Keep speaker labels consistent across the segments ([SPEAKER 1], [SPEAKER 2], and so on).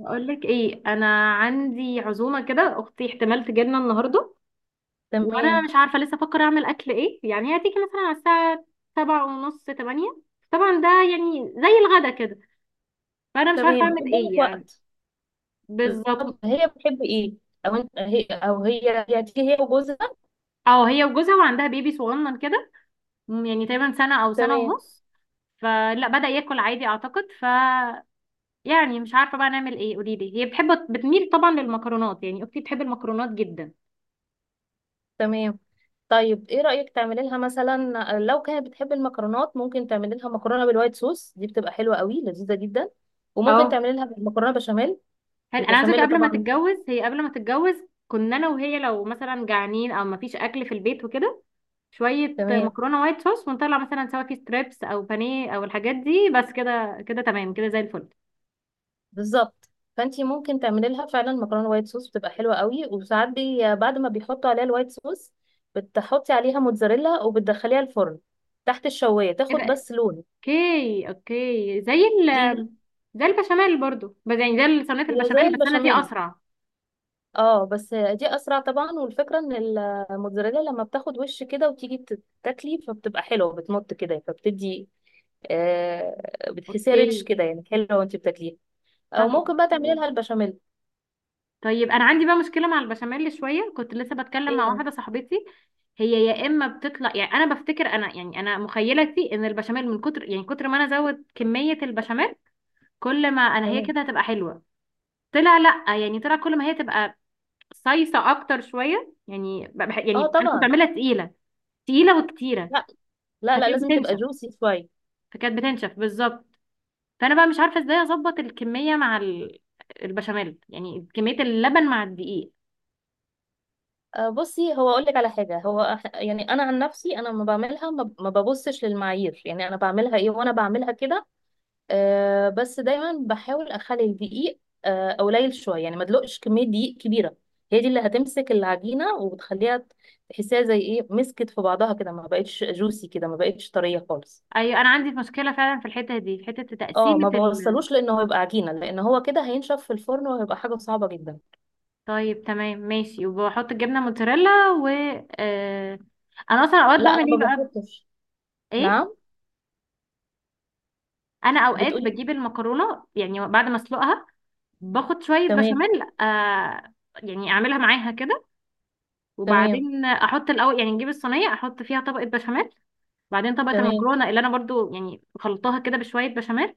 [SPEAKER 1] اقول لك ايه، انا عندي عزومه كده. اختي احتمال تجيلنا النهارده وانا
[SPEAKER 2] تمام.
[SPEAKER 1] مش عارفه لسه، افكر اعمل اكل ايه يعني. هي هتيجي مثلا على الساعه 7:30، 8. طبعا ده يعني زي الغدا كده، فانا مش عارفه
[SPEAKER 2] تمام،
[SPEAKER 1] اعمل
[SPEAKER 2] قدامك
[SPEAKER 1] ايه يعني.
[SPEAKER 2] وقت.
[SPEAKER 1] بالظبط.
[SPEAKER 2] طب هي بتحب ايه؟ او انت هي او هي هتيجي هي وجوزها.
[SPEAKER 1] اه، هي وجوزها وعندها بيبي صغنن كده، يعني تقريبا سنه او سنه
[SPEAKER 2] تمام.
[SPEAKER 1] ونص. فلا، بدأ ياكل عادي اعتقد. ف يعني مش عارفه بقى نعمل ايه، قولي لي. هي بتحب، بتميل طبعا للمكرونات. يعني اختي بتحب المكرونات جدا.
[SPEAKER 2] تمام، طيب ايه رأيك تعملي لها مثلا؟ لو كانت بتحب المكرونات، ممكن تعملي لها مكرونة بالوايت صوص، دي بتبقى حلوة قوي، لذيذة جدا. وممكن
[SPEAKER 1] اه،
[SPEAKER 2] تعملي لها مكرونة بشاميل.
[SPEAKER 1] حلو. انا عايزاك،
[SPEAKER 2] البشاميل
[SPEAKER 1] قبل ما
[SPEAKER 2] طبعا.
[SPEAKER 1] تتجوز هي قبل ما تتجوز كنا انا وهي لو مثلا جعانين او مفيش اكل في البيت وكده، شويه
[SPEAKER 2] تمام،
[SPEAKER 1] مكرونه وايت صوص ونطلع مثلا سواء في ستريبس او بانيه او الحاجات دي، بس كده كده تمام كده، زي الفل.
[SPEAKER 2] بالظبط. فانتي ممكن تعملي لها فعلا مكرونه وايت صوص، بتبقى حلوه قوي، وساعات بعد ما بيحطوا عليها الوايت صوص بتحطي عليها موتزاريلا وبتدخليها الفرن تحت الشوايه،
[SPEAKER 1] ايه
[SPEAKER 2] تاخد
[SPEAKER 1] ده؟
[SPEAKER 2] بس لون.
[SPEAKER 1] اوكي اوكي، زي
[SPEAKER 2] دي
[SPEAKER 1] زي البشاميل برضو، بس يعني زي صينيه
[SPEAKER 2] هي زي
[SPEAKER 1] البشاميل، بس انا دي
[SPEAKER 2] البشاميل.
[SPEAKER 1] اسرع.
[SPEAKER 2] اه، بس دي اسرع طبعا، والفكره ان الموتزاريلا لما بتاخد وش كده وتيجي تاكلي، فبتبقى حلوه، بتمط كده، فبتدي آه، بتحسيها ريتش
[SPEAKER 1] اوكي.
[SPEAKER 2] كده، يعني حلوه وانت بتاكليها. او
[SPEAKER 1] طب
[SPEAKER 2] ممكن بقى تعملي
[SPEAKER 1] اوكي،
[SPEAKER 2] لها البشاميل.
[SPEAKER 1] طيب. انا عندي بقى مشكله مع البشاميل شويه. كنت لسه بتكلم مع
[SPEAKER 2] ايه.
[SPEAKER 1] واحده صاحبتي. هي يا اما بتطلع يعني، انا بفتكر انا يعني انا مخيلتي ان البشاميل من كتر يعني كتر ما انا ازود كميه البشاميل، كل ما هي
[SPEAKER 2] تمام،
[SPEAKER 1] كده هتبقى حلوه. طلع لا، يعني طلع كل ما هي تبقى صيصه اكتر شويه. يعني
[SPEAKER 2] اه
[SPEAKER 1] يعني انا كنت
[SPEAKER 2] طبعا.
[SPEAKER 1] بعملها تقيله، تقيله وكتيره.
[SPEAKER 2] لا، لا، لا،
[SPEAKER 1] فكانت
[SPEAKER 2] لازم تبقى
[SPEAKER 1] بتنشف
[SPEAKER 2] جوسي شويه.
[SPEAKER 1] فكانت بتنشف بالظبط. فانا بقى مش عارفه ازاي اظبط الكميه مع البشاميل، يعني كميه اللبن مع الدقيق.
[SPEAKER 2] بصي، هو اقول لك على حاجه، يعني انا عن نفسي، انا ما بعملها، ما ببصش للمعايير، يعني انا بعملها ايه وانا بعملها كده. أه، بس دايما بحاول اخلي الدقيق قليل شويه، يعني ما ادلقش كميه دقيق كبيره. هي دي اللي هتمسك العجينه وبتخليها تحسيها زي ايه مسكت في بعضها كده، ما بقتش جوسي كده، ما بقتش طريه خالص.
[SPEAKER 1] ايوه، انا عندي مشكله فعلا في الحته دي، في حته
[SPEAKER 2] اه،
[SPEAKER 1] تقسيمه
[SPEAKER 2] ما بوصلوش، لانه هيبقى عجينه، لان هو كده هينشف في الفرن وهيبقى حاجه صعبه جدا.
[SPEAKER 1] طيب تمام ماشي. وبحط الجبنه موتزاريلا و آه... انا اصلا اوقات
[SPEAKER 2] لا،
[SPEAKER 1] بعمل
[SPEAKER 2] انا
[SPEAKER 1] ايه
[SPEAKER 2] ما
[SPEAKER 1] بقى؟
[SPEAKER 2] بحطش.
[SPEAKER 1] ايه.
[SPEAKER 2] نعم.
[SPEAKER 1] انا اوقات
[SPEAKER 2] بتقولي.
[SPEAKER 1] بجيب المكرونه يعني بعد ما اسلقها، باخد شويه
[SPEAKER 2] تمام.
[SPEAKER 1] بشاميل، يعني اعملها معاها كده.
[SPEAKER 2] تمام.
[SPEAKER 1] وبعدين احط الاول، يعني نجيب الصينيه احط فيها طبقه بشاميل، بعدين طبقه
[SPEAKER 2] تمام.
[SPEAKER 1] المكرونه اللي انا برضو يعني خلطتها كده بشويه بشاميل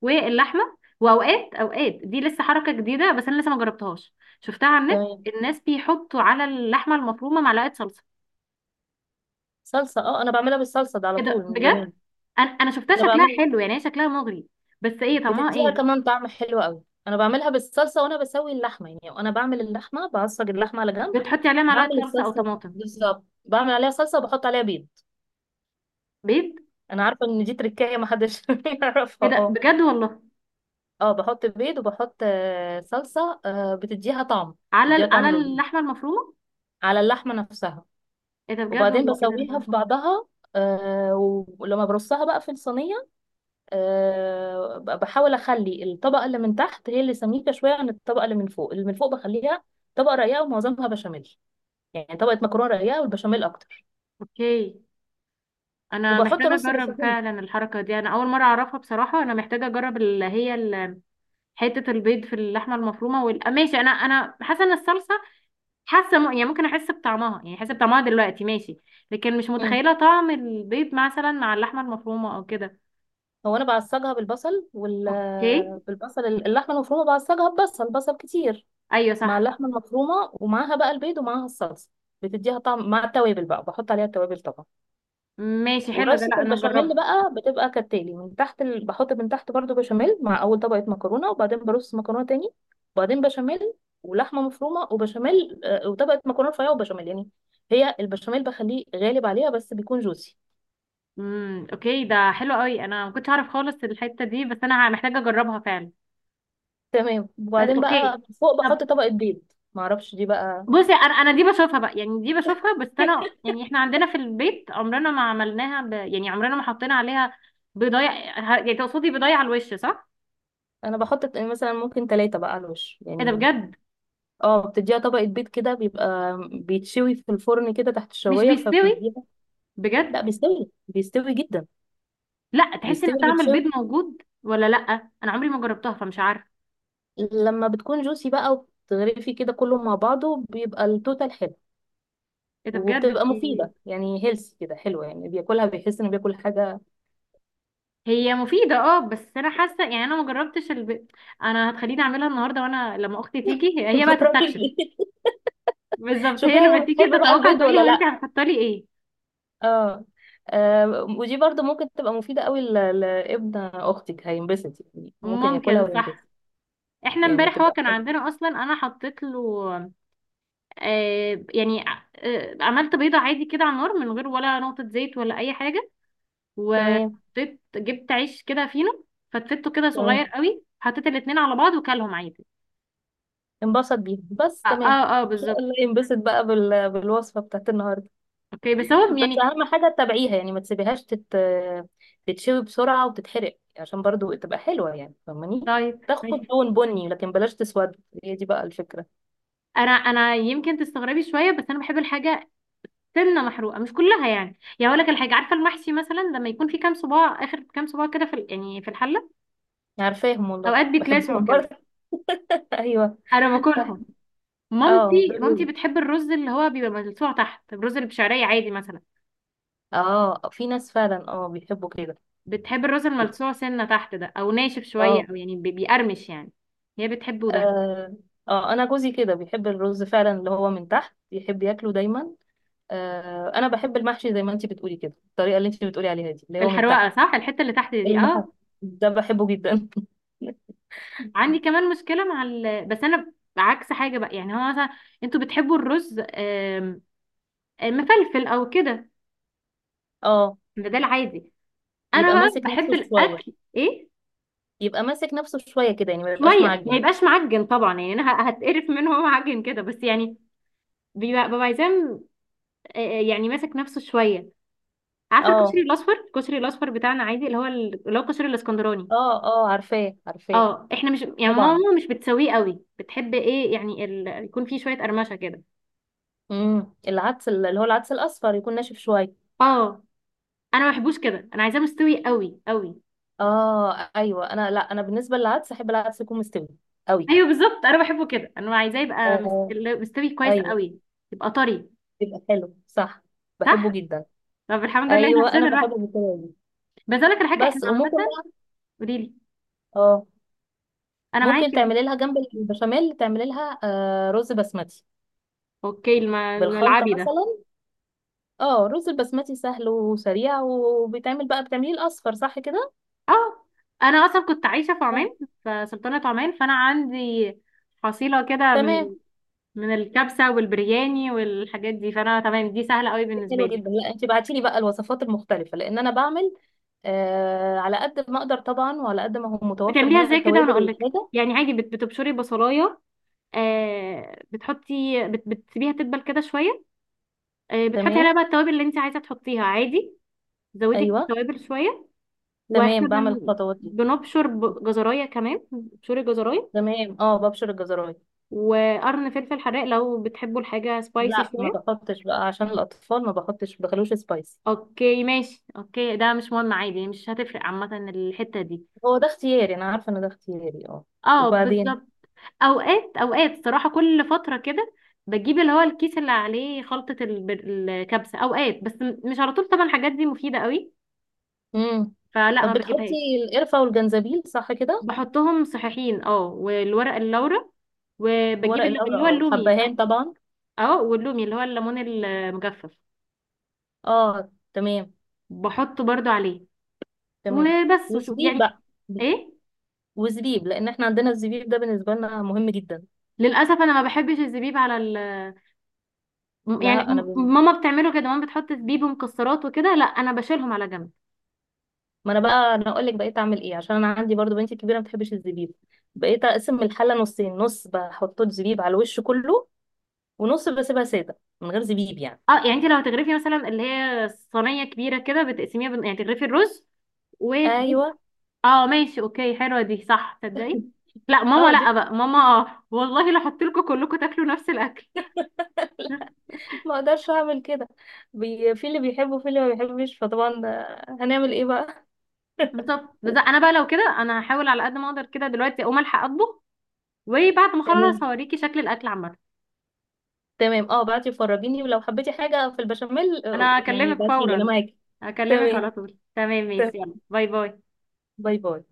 [SPEAKER 1] واللحمه. واوقات دي لسه حركه جديده بس انا لسه ما جربتهاش، شفتها على النت.
[SPEAKER 2] تمام.
[SPEAKER 1] الناس بيحطوا على اللحمه المفرومه معلقه صلصه.
[SPEAKER 2] صلصة، اه انا بعملها بالصلصة ده على
[SPEAKER 1] ايه
[SPEAKER 2] طول
[SPEAKER 1] ده
[SPEAKER 2] من زمان.
[SPEAKER 1] بجد؟ انا شفتها
[SPEAKER 2] انا
[SPEAKER 1] شكلها
[SPEAKER 2] بعمل،
[SPEAKER 1] حلو، يعني هي شكلها مغري، بس ايه طعمها
[SPEAKER 2] بتديها
[SPEAKER 1] ايه؟
[SPEAKER 2] كمان طعم حلو قوي، انا بعملها بالصلصة، وانا بسوي اللحمة يعني، وانا بعمل اللحمة بعصج اللحمة على جنب،
[SPEAKER 1] بتحطي عليها معلقه
[SPEAKER 2] بعمل
[SPEAKER 1] صلصه او
[SPEAKER 2] الصلصة،
[SPEAKER 1] طماطم؟
[SPEAKER 2] بالظبط، بعمل عليها صلصة وبحط عليها بيض.
[SPEAKER 1] بيض؟
[SPEAKER 2] انا عارفة ان دي تركاية ما حدش يعرفها،
[SPEAKER 1] ايه ده
[SPEAKER 2] اه.
[SPEAKER 1] بجد والله؟
[SPEAKER 2] اه، بحط بيض وبحط صلصة، بتديها طعم.
[SPEAKER 1] على
[SPEAKER 2] بتديها
[SPEAKER 1] على
[SPEAKER 2] طعم لذيذ
[SPEAKER 1] اللحمه المفرومه؟
[SPEAKER 2] على اللحمة نفسها.
[SPEAKER 1] ايه ده بجد
[SPEAKER 2] وبعدين
[SPEAKER 1] والله، ايه ده؟
[SPEAKER 2] بسويها
[SPEAKER 1] انا
[SPEAKER 2] في بعضها، ولما برصها بقى في الصينية، أه بحاول اخلي الطبقه اللي من تحت هي اللي سميكه شويه عن الطبقه اللي من فوق، اللي من فوق بخليها طبقه رقيقه ومعظمها بشاميل، يعني طبقه مكرونه رقيقه والبشاميل اكتر.
[SPEAKER 1] اوكي، انا
[SPEAKER 2] وبحط
[SPEAKER 1] محتاجه
[SPEAKER 2] رز
[SPEAKER 1] اجرب
[SPEAKER 2] بشاميل.
[SPEAKER 1] فعلا الحركه دي، انا اول مره اعرفها بصراحه. انا محتاجه اجرب اللي هي حته البيض في اللحمه المفرومه وال... ماشي. انا حاسه ان الصلصه، حاسه يعني ممكن احس بطعمها، يعني احس بطعمها دلوقتي ماشي، لكن مش
[SPEAKER 2] مم.
[SPEAKER 1] متخيله طعم البيض مثلا مع اللحمه المفرومه او كده.
[SPEAKER 2] هو انا بعصجها بالبصل
[SPEAKER 1] اوكي.
[SPEAKER 2] بالبصل، اللحمه المفرومه بعصجها ببصل، بصل كتير
[SPEAKER 1] ايوه
[SPEAKER 2] مع
[SPEAKER 1] صح.
[SPEAKER 2] اللحمه المفرومه، ومعاها بقى البيض ومعاها الصلصه، بتديها طعم مع التوابل، بقى بحط عليها التوابل طبعا.
[SPEAKER 1] ماشي حلو ده،
[SPEAKER 2] ورصة
[SPEAKER 1] لا انا
[SPEAKER 2] البشاميل
[SPEAKER 1] هجربها.
[SPEAKER 2] بقى بتبقى كالتالي، من تحت بحط من تحت برضو بشاميل مع أول طبقة مكرونة، وبعدين برص مكرونة تاني، وبعدين بشاميل، ولحمة مفرومة وبشاميل، وطبقة مكرونة رفيعة وبشاميل يعني. هي البشاميل بخليه غالب عليها بس بيكون جوسي.
[SPEAKER 1] اوكي ده حلو قوي. انا ما كنتش اعرف خالص الحته دي، بس انا محتاجه اجربها فعلا.
[SPEAKER 2] تمام.
[SPEAKER 1] بس
[SPEAKER 2] وبعدين بقى
[SPEAKER 1] اوكي.
[SPEAKER 2] فوق
[SPEAKER 1] طب
[SPEAKER 2] بحط طبقة بيض، معرفش دي بقى.
[SPEAKER 1] بصي، انا دي بشوفها بقى، يعني دي بشوفها، بس انا يعني احنا عندنا في البيت عمرنا ما عملناها يعني عمرنا ما حطينا عليها بيضايه. يعني تقصدي بيضايه على الوش، صح؟
[SPEAKER 2] أنا بحط مثلا ممكن 3 بقى على الوش
[SPEAKER 1] ايه ده
[SPEAKER 2] يعني.
[SPEAKER 1] بجد؟
[SPEAKER 2] اه، بتديها طبقة بيض كده، بيبقى بيتشوي في الفرن كده تحت
[SPEAKER 1] مش
[SPEAKER 2] الشواية
[SPEAKER 1] بيستوي؟
[SPEAKER 2] فبيديها. لا،
[SPEAKER 1] بجد؟
[SPEAKER 2] بيستوي، بيستوي جدا.
[SPEAKER 1] لا، تحسي ان
[SPEAKER 2] بيستوي،
[SPEAKER 1] طعم
[SPEAKER 2] بيتشوي.
[SPEAKER 1] البيض موجود ولا لا؟ انا عمري ما جربتها فمش عارفه.
[SPEAKER 2] لما بتكون جوسي بقى وبتغرفي كده كله مع بعضه، بيبقى التوتال حلو.
[SPEAKER 1] ايه ده بجد
[SPEAKER 2] وبتبقى
[SPEAKER 1] دي؟
[SPEAKER 2] مفيدة، يعني هيلثي كده، حلوة، يعني بياكلها بيحس انه بياكل حاجة.
[SPEAKER 1] هي مفيده اه، بس انا حاسه يعني انا ما جربتش انا هتخليني اعملها النهارده وانا لما اختي تيجي، هي هي بقى تستكشف.
[SPEAKER 2] جربي.
[SPEAKER 1] بالظبط، هي
[SPEAKER 2] شوفيها
[SPEAKER 1] لما
[SPEAKER 2] هي
[SPEAKER 1] تيجي
[SPEAKER 2] بتحب بقى
[SPEAKER 1] تتوقع
[SPEAKER 2] البيض
[SPEAKER 1] تقول لي:
[SPEAKER 2] ولا
[SPEAKER 1] هو انت
[SPEAKER 2] لا.
[SPEAKER 1] هتحطي لي ايه؟
[SPEAKER 2] اه. آه، ودي برضو ممكن تبقى مفيدة قوي لابن اختك، هينبسط يعني، ممكن ياكلها
[SPEAKER 1] ممكن، صح.
[SPEAKER 2] وينبسط.
[SPEAKER 1] احنا
[SPEAKER 2] يعني
[SPEAKER 1] امبارح هو
[SPEAKER 2] تبقى
[SPEAKER 1] كان
[SPEAKER 2] حلوة.
[SPEAKER 1] عندنا اصلا، انا حطيت له، آه يعني آه، عملت بيضه عادي كده على النار من غير ولا نقطه زيت ولا اي حاجه،
[SPEAKER 2] تمام.
[SPEAKER 1] وحطيت، جبت عيش كده فينو، فتفته كده
[SPEAKER 2] تمام،
[SPEAKER 1] صغير قوي، حطيت الاتنين على بعض وكلهم عادي.
[SPEAKER 2] انبسط بيها بس،
[SPEAKER 1] اه
[SPEAKER 2] تمام.
[SPEAKER 1] اه، آه
[SPEAKER 2] ان شاء
[SPEAKER 1] بالظبط.
[SPEAKER 2] الله ينبسط بقى بالوصفة بتاعت النهاردة.
[SPEAKER 1] اوكي بس هو
[SPEAKER 2] بس
[SPEAKER 1] يعني،
[SPEAKER 2] اهم حاجه تتابعيها، يعني ما تسيبيهاش تتشوي بسرعه وتتحرق، عشان برضو تبقى حلوه، يعني فاهماني.
[SPEAKER 1] طيب
[SPEAKER 2] تاخد
[SPEAKER 1] ماشي.
[SPEAKER 2] لون بني لكن بلاش تسود، هي دي بقى الفكره.
[SPEAKER 1] انا يمكن تستغربي شويه بس انا بحب الحاجه سنه، محروقه مش كلها يعني. يعني اقول لك الحاجه، عارفه المحشي مثلا لما يكون في كام صباع، اخر كام صباع كده في يعني في الحله،
[SPEAKER 2] عارفاهم والله،
[SPEAKER 1] اوقات بيتلسعوا
[SPEAKER 2] بحبهم
[SPEAKER 1] كده،
[SPEAKER 2] برضه. ايوه.
[SPEAKER 1] انا
[SPEAKER 2] بح-
[SPEAKER 1] باكلهم.
[SPEAKER 2] اه
[SPEAKER 1] مامتي
[SPEAKER 2] دول،
[SPEAKER 1] بتحب الرز اللي هو بيبقى ملسوع تحت، الرز اللي بشعريه عادي مثلا.
[SPEAKER 2] اه في ناس فعلا اه بيحبوا كده.
[SPEAKER 1] بتحب الراس الملسوع سنة تحت ده، او ناشف شوية،
[SPEAKER 2] اه.
[SPEAKER 1] او يعني بيقرمش يعني. هي بتحبه ده.
[SPEAKER 2] اه. آه، انا جوزي كده بيحب الرز فعلا اللي هو من تحت، يحب ياكله دايما. آه، انا بحب المحشي زي ما انتي بتقولي كده، الطريقه اللي انتي بتقولي عليها دي اللي هو من
[SPEAKER 1] الحروقة،
[SPEAKER 2] تحت.
[SPEAKER 1] صح، الحتة اللي تحت دي،
[SPEAKER 2] المحشي
[SPEAKER 1] اه.
[SPEAKER 2] ده بحبه جدا.
[SPEAKER 1] عندي كمان مشكلة مع بس انا عكس حاجة بقى. يعني هو مثلا انتوا بتحبوا الرز آم، آم، مفلفل او كده،
[SPEAKER 2] اه،
[SPEAKER 1] ده ده العادي. انا
[SPEAKER 2] يبقى
[SPEAKER 1] بقى
[SPEAKER 2] ماسك نفسه
[SPEAKER 1] بحب
[SPEAKER 2] شوية.
[SPEAKER 1] الاكل ايه؟
[SPEAKER 2] يبقى ماسك نفسه شوية كده، يعني ما يبقاش
[SPEAKER 1] شوية ما
[SPEAKER 2] معجن.
[SPEAKER 1] يبقاش معجن طبعا. يعني انا هتقرف منه هو معجن كده، بس يعني بيبقى، ببقى عايزاه، يعني ماسك نفسه شوية. عارفة
[SPEAKER 2] اه.
[SPEAKER 1] الكشري الأصفر؟ الكشري الأصفر بتاعنا عادي اللي هو اللي هو الكشري الإسكندراني.
[SPEAKER 2] اه. اه، عارفاه، عارفاه.
[SPEAKER 1] اه احنا مش يعني،
[SPEAKER 2] طبعا.
[SPEAKER 1] ماما مش بتسويه قوي، بتحب ايه يعني يكون فيه شويه قرمشه كده.
[SPEAKER 2] العدس اللي هو العدس الأصفر يكون ناشف شوية.
[SPEAKER 1] اه انا ما بحبوش كده، انا عايزاه مستوي قوي قوي.
[SPEAKER 2] اه، ايوه، انا لا انا بالنسبة للعدس احب العدس يكون مستوي قوي.
[SPEAKER 1] ايوه بالظبط انا بحبه كده، انا عايزاه يبقى
[SPEAKER 2] آه،
[SPEAKER 1] مستوي كويس
[SPEAKER 2] ايوه،
[SPEAKER 1] قوي، يبقى طري.
[SPEAKER 2] يبقى حلو، صح،
[SPEAKER 1] صح.
[SPEAKER 2] بحبه جدا.
[SPEAKER 1] طب الحمد لله احنا
[SPEAKER 2] ايوه انا
[SPEAKER 1] مشينا لوحدنا.
[SPEAKER 2] بحبه بالطريقة دي.
[SPEAKER 1] بس اقول لك على حاجه احنا
[SPEAKER 2] بس،
[SPEAKER 1] عامه.
[SPEAKER 2] وممكن بقى،
[SPEAKER 1] قولي لي،
[SPEAKER 2] اه
[SPEAKER 1] انا
[SPEAKER 2] ممكن
[SPEAKER 1] معاكي، قولي
[SPEAKER 2] تعملي لها جنب
[SPEAKER 1] لي.
[SPEAKER 2] البشاميل، تعملي لها آه رز بسمتي
[SPEAKER 1] اوكي،
[SPEAKER 2] بالخلطة
[SPEAKER 1] الملعبي ده؟
[SPEAKER 2] مثلا. اه الرز البسمتي سهل وسريع، وبيتعمل بقى، بتعمليه الاصفر صح كده.
[SPEAKER 1] اه انا اصلا كنت عايشه في
[SPEAKER 2] آه.
[SPEAKER 1] عمان، في سلطنه عمان، فانا عندي حصيله كده من
[SPEAKER 2] تمام.
[SPEAKER 1] من الكبسة والبرياني والحاجات دي. فانا تمام، دي سهلة قوي
[SPEAKER 2] دي
[SPEAKER 1] بالنسبة
[SPEAKER 2] حلوه
[SPEAKER 1] لي.
[SPEAKER 2] جدا، لا انت بعتي لي بقى الوصفات المختلفه، لان انا بعمل آه على قد ما اقدر طبعا، وعلى قد ما هو متوفر
[SPEAKER 1] بتعمليها
[SPEAKER 2] هنا
[SPEAKER 1] ازاي كده وانا
[SPEAKER 2] التوابل
[SPEAKER 1] اقول لك.
[SPEAKER 2] والحاجه.
[SPEAKER 1] يعني عادي، بتبشري بصلاية، آه بتحطي، بتسيبيها تدبل كده شوية، آه بتحطي
[SPEAKER 2] تمام.
[SPEAKER 1] عليها بقى التوابل اللي انت عايزة تحطيها عادي، زودي
[SPEAKER 2] ايوه.
[SPEAKER 1] التوابل شوية.
[SPEAKER 2] تمام،
[SPEAKER 1] واحنا
[SPEAKER 2] بعمل الخطوات دي.
[SPEAKER 1] بنبشر جزراية، كمان بتبشري جزراية،
[SPEAKER 2] تمام، اه ببشر الجزرايه.
[SPEAKER 1] وقرن فلفل حراق لو بتحبوا الحاجة سبايسي
[SPEAKER 2] لا، ما
[SPEAKER 1] شوية.
[SPEAKER 2] بحطش بقى عشان الاطفال، ما بحطش، ما بخلوش سبايسي.
[SPEAKER 1] اوكي ماشي اوكي، ده مش مهم عادي، مش هتفرق عامة الحتة دي.
[SPEAKER 2] هو ده اختياري، انا عارفه ان ده اختياري، اه.
[SPEAKER 1] اه
[SPEAKER 2] وبعدين،
[SPEAKER 1] بالظبط. اوقات صراحة كل فترة كده بجيب اللي هو الكيس اللي عليه خلطة الكبسة اوقات، بس مش على طول طبعا، الحاجات دي مفيدة قوي،
[SPEAKER 2] امم
[SPEAKER 1] فلا
[SPEAKER 2] طب
[SPEAKER 1] ما
[SPEAKER 2] بتحطي
[SPEAKER 1] بجيبهاش.
[SPEAKER 2] القرفه والجنزبيل صح كده،
[SPEAKER 1] بحطهم صحيحين، اه، والورق اللورا، وبجيب
[SPEAKER 2] ورق
[SPEAKER 1] اللي
[SPEAKER 2] اللورا،
[SPEAKER 1] اللي هو
[SPEAKER 2] اه،
[SPEAKER 1] اللومي اللي
[SPEAKER 2] والحبهان طبعا.
[SPEAKER 1] اه، واللومي اللي هو الليمون المجفف،
[SPEAKER 2] اه، تمام.
[SPEAKER 1] بحطه برضو عليه.
[SPEAKER 2] تمام،
[SPEAKER 1] وبس وشو
[SPEAKER 2] وزبيب
[SPEAKER 1] يعني.
[SPEAKER 2] بقى.
[SPEAKER 1] ايه؟
[SPEAKER 2] وزبيب، لان احنا عندنا الزبيب ده بالنسبه لنا مهم جدا.
[SPEAKER 1] للاسف انا ما بحبش الزبيب على ال، يعني،
[SPEAKER 2] لا،
[SPEAKER 1] ماما بتعمله كده، ماما بتحط زبيب ومكسرات وكده، لا انا بشيلهم على جنب.
[SPEAKER 2] ما انا بقى انا اقول لك بقيت اعمل ايه، عشان انا عندي برضو بنتي كبيره ما بتحبش الزبيب، بقيت اقسم الحله نصين، نص بحط زبيب على الوش كله، ونص بسيبها ساده من غير زبيب يعني.
[SPEAKER 1] اه يعني، انت لو هتغرفي مثلا اللي هي صينيه كبيره كده بتقسميها يعني تغرفي الرز و،
[SPEAKER 2] ايوه.
[SPEAKER 1] اه ماشي اوكي، حلوه دي صح، تصدقي؟ لا ماما،
[SPEAKER 2] اه دي.
[SPEAKER 1] لا بقى ماما، والله لو حطيت لكم كلكم تاكلوا نفس الاكل.
[SPEAKER 2] ما اقدرش اعمل كده، في اللي بيحبه وفي اللي ما بيحبش، فطبعا هنعمل ايه بقى.
[SPEAKER 1] بالظبط. بس انا بقى لو كده، انا هحاول على قد ما اقدر كده. دلوقتي اقوم الحق اطبخ، وبعد ما اخلص
[SPEAKER 2] تمام.
[SPEAKER 1] هوريكي شكل الاكل عامه.
[SPEAKER 2] تمام، اه بعتي وفرجيني، ولو حبيتي حاجة في البشاميل،
[SPEAKER 1] انا
[SPEAKER 2] يعني
[SPEAKER 1] هكلمك
[SPEAKER 2] بعتيلي، انا
[SPEAKER 1] فورا،
[SPEAKER 2] معاكي.
[SPEAKER 1] هكلمك
[SPEAKER 2] تمام.
[SPEAKER 1] على طول. تمام ماشي،
[SPEAKER 2] تمام،
[SPEAKER 1] يلا باي باي.
[SPEAKER 2] باي باي.